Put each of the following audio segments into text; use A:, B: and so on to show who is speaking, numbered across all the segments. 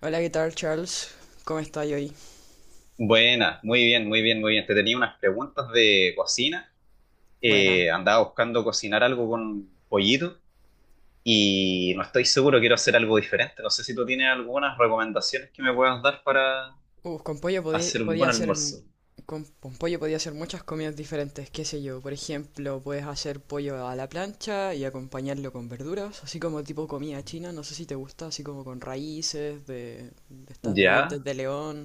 A: Hola, ¿qué tal, Charles? ¿Cómo estás hoy?
B: Buena, muy bien, muy bien, muy bien. Te tenía unas preguntas de cocina.
A: Buena.
B: Andaba buscando cocinar algo con pollito y no estoy seguro, quiero hacer algo diferente. No sé si tú tienes algunas recomendaciones que me puedas dar para
A: Con pollo
B: hacer un
A: podía
B: buen
A: hacer...
B: almuerzo.
A: Con pollo podía hacer muchas comidas diferentes, qué sé yo. Por ejemplo, puedes hacer pollo a la plancha y acompañarlo con verduras, así como tipo comida china, no sé si te gusta, así como con raíces de estas de dientes
B: ¿Ya?
A: de león.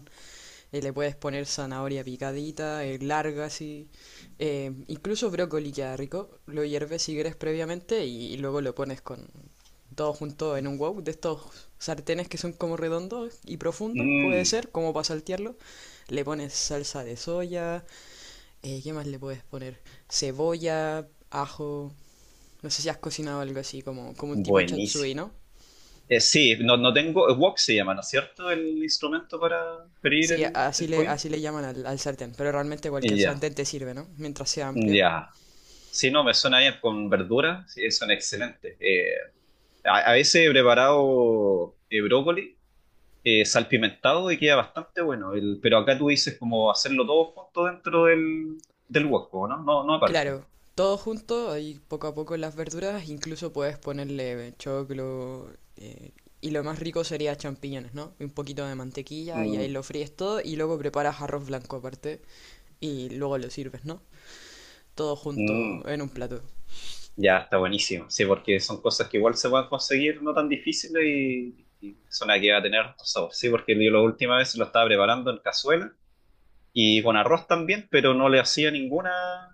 A: Le puedes poner zanahoria picadita, larga así, incluso brócoli queda rico. Lo hierves si quieres previamente y luego lo pones con todo junto en un wok de estos sartenes que son como redondos y profundos, puede
B: Mm,
A: ser, como para saltearlo. Le pones salsa de soya, ¿qué más le puedes poner? Cebolla, ajo, no sé si has cocinado algo así, como, como un tipo chatsui,
B: buenísimo.
A: ¿no?
B: Sí, no, no tengo, wok se llama, ¿no es cierto? El instrumento para freír
A: Sí,
B: el, el pollo.
A: así le llaman al sartén, pero realmente cualquier
B: Ya,
A: sartén te sirve, ¿no? Mientras sea amplio.
B: ya. Si no, me suena bien con verduras, sí, son excelentes. A veces he preparado brócoli, salpimentado y queda bastante bueno. Pero acá tú dices como hacerlo todo junto dentro del wok, ¿no? No, no aparte.
A: Claro, todo junto, ahí poco a poco las verduras, incluso puedes ponerle choclo, eh, y lo más rico sería champiñones, ¿no? Un poquito de mantequilla y ahí
B: Mm,
A: lo fríes todo y luego preparas arroz blanco aparte y luego lo sirves, ¿no? Todo junto
B: mm.
A: en un plato.
B: Ya está buenísimo. Sí, porque son cosas que igual se pueden conseguir no tan difíciles y son las que va a tener harto sabor. Sí, porque yo la última vez lo estaba preparando en cazuela y con arroz también, pero no le hacía ninguna.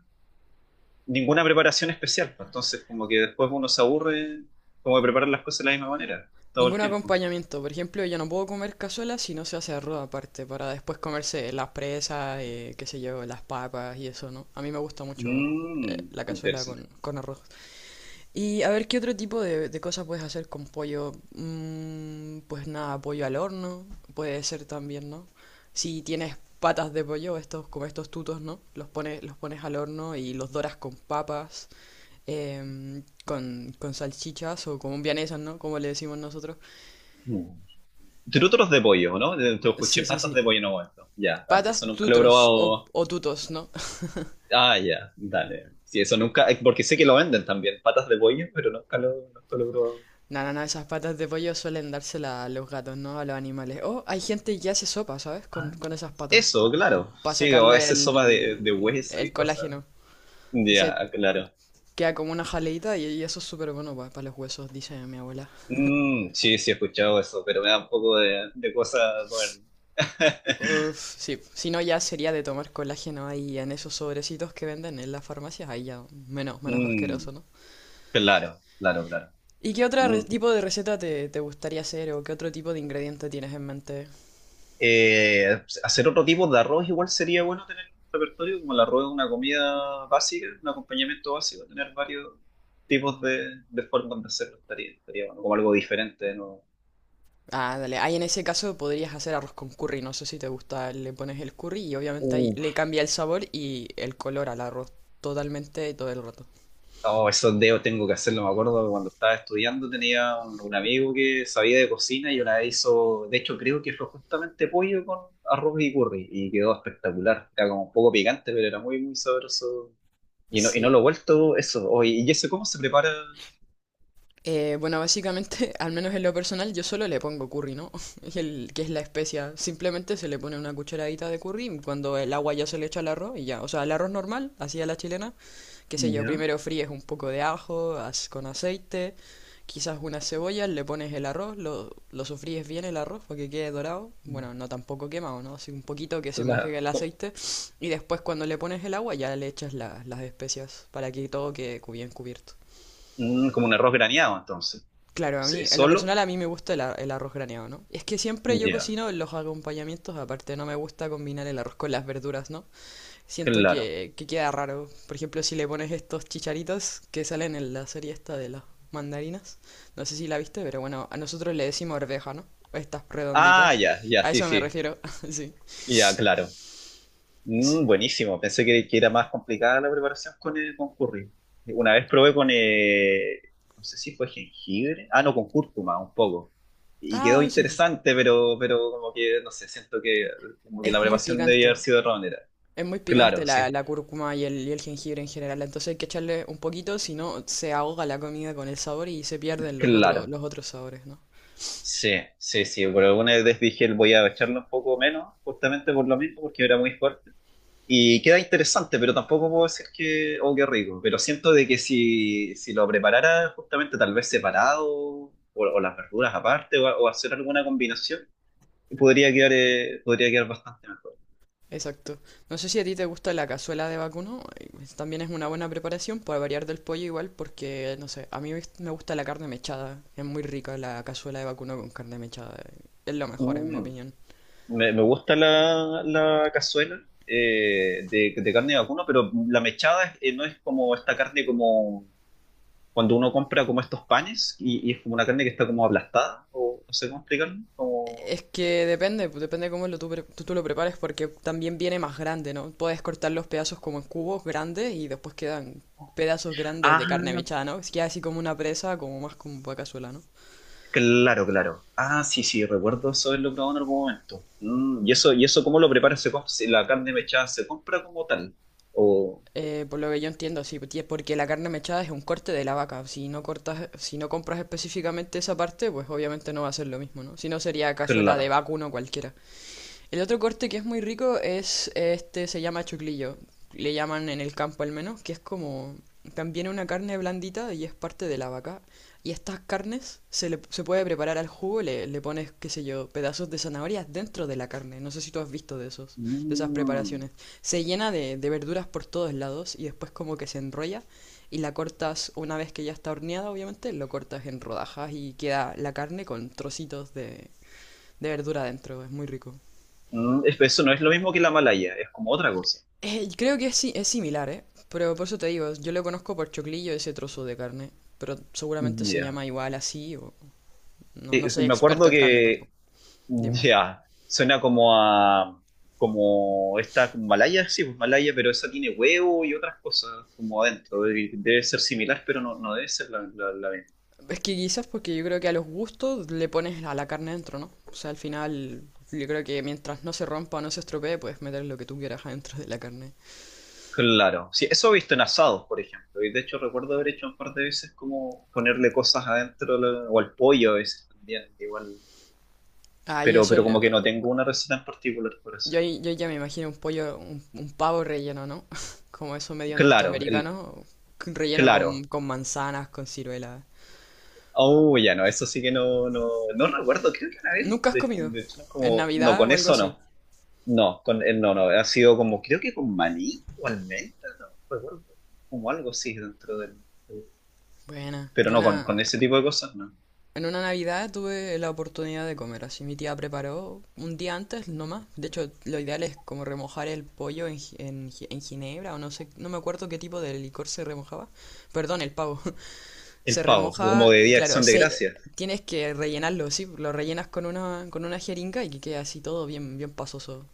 B: ninguna preparación especial, pues, entonces como que después uno se aburre como de preparar las cosas de la misma manera, todo el
A: Ningún
B: tiempo.
A: acompañamiento, por ejemplo, yo no puedo comer cazuela si no se hace arroz aparte, para después comerse las presas, qué sé yo, las papas y eso, ¿no? A mí me gusta mucho
B: Mmm,
A: la cazuela
B: interesante.
A: con arroz. Y a ver, ¿qué otro tipo de cosas puedes hacer con pollo? Mm, pues nada, pollo al horno, puede ser también, ¿no? Si tienes patas de pollo, estos, como estos tutos, ¿no? Los pones al horno y los doras con papas, con salchichas o con vienesas, ¿no? Como le decimos nosotros.
B: Mm. Trútoros de pollo, ¿no? Te
A: Sí,
B: escuché
A: sí,
B: patas de
A: sí.
B: pollo en un momento. Ya, vale,
A: Patas
B: eso nunca lo he
A: tutros
B: probado.
A: o tutos, ¿no?
B: Ah, ya, dale. Sí, eso nunca, porque sé que lo venden también, patas de pollo, pero nunca lo, nunca lo he probado.
A: Nada, nada, esas patas de pollo suelen dárselas a los gatos, ¿no? A los animales. O hay gente que hace sopa, ¿sabes?
B: Ah,
A: Con esas patas,
B: eso, claro.
A: para
B: Sí, o a
A: sacarle
B: veces sopa de hueso y
A: el
B: cosas.
A: colágeno. Y se
B: Ya, claro.
A: queda como una jaleita y eso es súper bueno para los huesos, dice mi abuela.
B: Sí, sí he escuchado eso, pero me da un poco de cosa comer.
A: Uf, sí, si no ya sería de tomar colágeno ahí en esos sobrecitos que venden en las farmacias, ahí ya menos, menos
B: Mm,
A: asqueroso, ¿no?
B: claro, claro, claro.
A: ¿Y qué otro
B: Mm.
A: tipo de receta te, te gustaría hacer o qué otro tipo de ingrediente tienes en mente?
B: Hacer otro tipo de arroz igual sería bueno tener un repertorio, como el arroz es una comida básica, un acompañamiento básico, tener varios tipos de formas de hacerlo estaría, estaría bueno, como algo diferente, ¿no?
A: Ah, dale, ahí en ese caso podrías hacer arroz con curry, no sé si te gusta, le pones el curry y obviamente ahí
B: Uh,
A: le cambia el sabor y el color al arroz totalmente todo el rato.
B: Oh, esos dedos tengo que hacerlo. Me acuerdo que cuando estaba estudiando tenía un amigo que sabía de cocina y una vez hizo, de hecho creo que fue justamente pollo con arroz y curry y quedó espectacular. Era como un poco picante, pero era muy, muy sabroso. Y no lo
A: Sí.
B: he vuelto eso. Oh, y eso cómo se prepara?
A: Bueno, básicamente, al menos en lo personal, yo solo le pongo curry, ¿no? Y el, que es la especia. Simplemente se le pone una cucharadita de curry y cuando el agua ya se le echa al arroz y ya. O sea, el arroz normal, así a la chilena, qué sé yo,
B: Ya.
A: primero fríes un poco de ajo con aceite, quizás unas cebollas, le pones el arroz, lo sofríes bien el arroz para que quede dorado. Bueno, no tampoco quemado, ¿no? Así un poquito que se moje
B: claro
A: el
B: co-
A: aceite y después cuando le pones el agua ya le echas las especias para que todo quede bien cubierto.
B: mm, Como un arroz graneado, entonces.
A: Claro, a
B: Sí,
A: mí, en lo
B: ¿solo?
A: personal a mí me gusta el, el arroz graneado, ¿no? Es que siempre yo
B: Ya,
A: cocino los acompañamientos, aparte no me gusta combinar el arroz con las verduras, ¿no? Siento
B: claro.
A: que queda raro. Por ejemplo, si le pones estos chicharitos que salen en la serie esta de las mandarinas, no sé si la viste, pero bueno, a nosotros le decimos arveja, ¿no? Estas redonditas.
B: Ah, ya, ya,
A: A
B: sí,
A: eso me
B: sí.
A: refiero, sí.
B: Ya, claro.
A: Sí.
B: Buenísimo, pensé que era más complicada la preparación con el con curry. Una vez probé con, no sé si fue jengibre, ah, no, con cúrcuma, un poco. Y quedó
A: Ah, sí po.
B: interesante, pero como que, no sé, siento que, como que la
A: Es muy
B: preparación debía haber
A: picante.
B: sido de otra manera.
A: Es muy
B: Claro,
A: picante
B: sí,
A: la, la cúrcuma y el jengibre en general, entonces hay que echarle un poquito, si no se ahoga la comida con el sabor y se pierden
B: claro.
A: los otros sabores, ¿no?
B: Sí, sí, sí, por alguna vez dije, voy a echarle un poco menos, justamente por lo mismo, porque era muy fuerte. Y queda interesante, pero tampoco puedo decir que, oh, qué rico. Pero siento de que si, si lo preparara justamente tal vez separado o las verduras aparte o hacer alguna combinación, podría quedar bastante mejor.
A: Exacto. No sé si a ti te gusta la cazuela de vacuno, también es una buena preparación para variar del pollo igual, porque no sé, a mí me gusta la carne mechada, es muy rica la cazuela de vacuno con carne mechada, es lo mejor en mi
B: Mm,
A: opinión.
B: me gusta la cazuela de carne de vacuno, pero la mechada no es como esta carne como cuando uno compra como estos panes y es como una carne que está como aplastada o no sé cómo explicarlo. Como...
A: Es que depende, pues, depende cómo lo tú, tú, tú lo prepares, porque también viene más grande, ¿no? Puedes cortar los pedazos como en cubos grandes y después quedan pedazos grandes de carne
B: Ah,
A: mechada, ¿no? Es que así como una presa, como más como vaca cazuela, ¿no?
B: claro, claro. Ah, sí, sí, recuerdo eso haberlo probado en algún momento. Mm, y eso cómo lo prepara? ¿Si la carne mechada se compra como tal? O,
A: Por lo que yo entiendo, sí, porque la carne mechada es un corte de la vaca. Si no cortas, si no compras específicamente esa parte, pues obviamente no va a ser lo mismo, ¿no? Si no sería cazuela de
B: claro.
A: vacuno cualquiera. El otro corte que es muy rico es este, se llama choclillo. Le llaman en el campo al menos, que es como también una carne blandita y es parte de la vaca. Y estas carnes se puede preparar al jugo, le pones, qué sé yo, pedazos de zanahorias dentro de la carne. No sé si tú has visto de, esos, de esas
B: Mm,
A: preparaciones. Se llena de verduras por todos lados y después como que se enrolla y la cortas una vez que ya está horneada, obviamente, lo cortas en rodajas y queda la carne con trocitos de verdura dentro. Es muy rico.
B: Eso no es lo mismo que la malaya, es como otra cosa.
A: Creo que es, es similar, ¿eh? Pero por eso te digo, yo lo conozco por choclillo ese trozo de carne. Pero seguramente se
B: Ya.
A: llama igual así o... No, no soy
B: Me
A: experto
B: acuerdo
A: en carne tampoco.
B: que,
A: Dime.
B: ya, suena como a, como esta malaya, sí, pues malaya, pero esa tiene huevo y otras cosas como adentro. Debe ser similar, pero no, no debe ser la.
A: Es que quizás porque yo creo que a los gustos le pones a la carne dentro, ¿no? O sea, al final yo creo que mientras no se rompa o no se estropee, puedes meter lo que tú quieras adentro de la carne.
B: Claro, sí, eso he visto en asados, por ejemplo, y de hecho recuerdo haber hecho un par de veces como ponerle cosas adentro o al pollo a veces también, igual,
A: Ah, yo
B: pero
A: solo...
B: como que no tengo una receta en particular por
A: Yo,
B: hacerlo.
A: yo ya me imagino un pollo, un pavo relleno, ¿no? Como eso medio
B: Claro,
A: norteamericano, relleno
B: claro,
A: con manzanas, con ciruela.
B: oh, ya no, eso sí que no, no, no recuerdo, creo que una vez,
A: ¿Nunca has
B: de,
A: comido?
B: de hecho, no,
A: ¿En
B: como, no,
A: Navidad
B: con
A: o algo
B: eso
A: así?
B: no, no, con el no, no, ha sido como, creo que con maní o almendra, no recuerdo, como algo así dentro del.
A: Buena.
B: Pero
A: Yo
B: no,
A: una...
B: con ese tipo de cosas, no.
A: en una Navidad tuve la oportunidad de comer, así mi tía preparó un día antes nomás. De hecho, lo ideal es como remojar el pollo en, en en ginebra o no sé, no me acuerdo qué tipo de licor se remojaba. Perdón, el pavo. Se
B: El pavo,
A: remoja,
B: como de Día de
A: claro,
B: Acción de
A: se...
B: Gracias.
A: tienes que rellenarlo, sí, lo rellenas con una jeringa y que quede así todo bien, bien pasoso.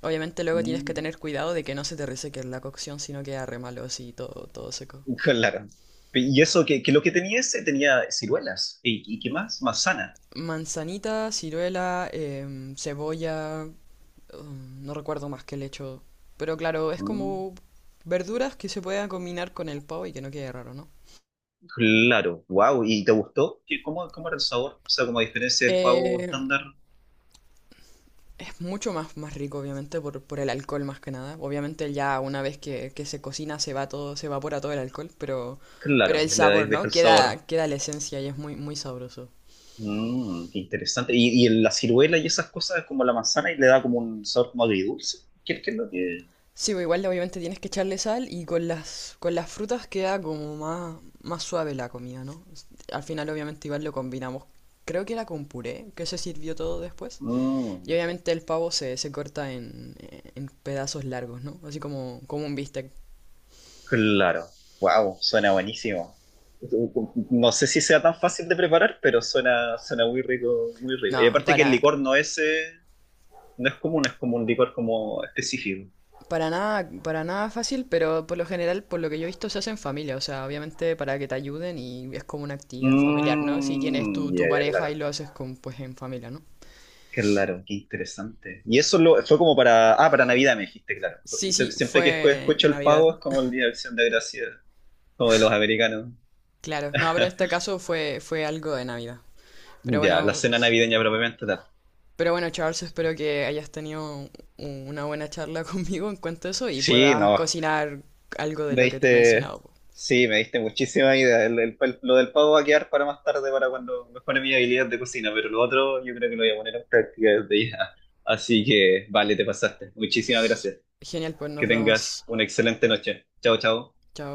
A: Obviamente luego tienes que
B: Mm,
A: tener cuidado de que no se te reseque la cocción, sino queda re malo así, todo, todo seco.
B: claro. Y eso, que lo que tenía ese tenía ciruelas. Y qué más? Manzana.
A: Manzanita, ciruela, cebolla, no recuerdo más que le echo. Pero claro, es
B: Mm,
A: como verduras que se puedan combinar con el pavo y que no quede raro, ¿no?
B: claro. Wow. ¿Y te gustó? ¿Qué- cómo, cómo era el sabor? O sea, como a diferencia del pavo
A: Eh,
B: estándar.
A: es mucho más, más rico, obviamente, por el alcohol más que nada. Obviamente ya una vez que se cocina se va todo, se evapora todo el alcohol, pero
B: Claro,
A: el
B: le
A: sabor,
B: deja
A: ¿no?
B: el sabor.
A: Queda, queda la esencia y es muy, muy sabroso.
B: Mm, qué interesante. Y la ciruela y esas cosas, como la manzana, y le da como un sabor como agridulce? ¿Qué, qué es lo que...?
A: Sí, pues igual obviamente tienes que echarle sal y con las frutas queda como más, más suave la comida, ¿no? S- Al final obviamente igual lo combinamos, creo que era con puré, que se sirvió todo después. Y
B: Mm.
A: obviamente el pavo se corta en pedazos largos, ¿no? Así como, como un bistec.
B: Claro. Wow, suena buenísimo. No sé si sea tan fácil de preparar, pero suena, suena muy rico, muy rico. Y
A: No,
B: aparte que el licor no es, no es común, es como un licor como específico.
A: para nada fácil, pero por lo general, por lo que yo he visto, se hace en familia, o sea, obviamente para que te ayuden y es como una actividad familiar, ¿no? Si tienes tu,
B: Mm, ya,
A: tu
B: ya,
A: pareja y
B: claro.
A: lo haces con, pues en familia, ¿no?
B: Claro, qué interesante. Y eso lo, fue como para, ah, para Navidad me dijiste, claro. Porque
A: Sí,
B: se-
A: sí,
B: siempre que escu-
A: fue
B: escucho
A: en
B: el
A: Navidad.
B: pavo es como el Día de Acción de Gracias, como de los americanos.
A: Claro, no, pero este caso fue, fue algo de Navidad. Pero
B: Ya, la
A: bueno,
B: cena navideña propiamente tal.
A: pero bueno, Charles, espero que hayas tenido una buena charla conmigo en cuanto a eso y
B: Sí,
A: puedas
B: no,
A: cocinar algo de
B: Me
A: lo que te he
B: diste,
A: mencionado.
B: sí, me diste muchísima idea. Lo del pavo va a quedar para más tarde, para cuando mejore mi habilidad de cocina, pero lo otro yo creo que lo voy a poner en práctica desde ya. Así que, vale, te pasaste. Muchísimas gracias.
A: Genial, pues
B: Que
A: nos
B: tengas
A: vemos.
B: una excelente noche. Chao, chao.
A: Chao.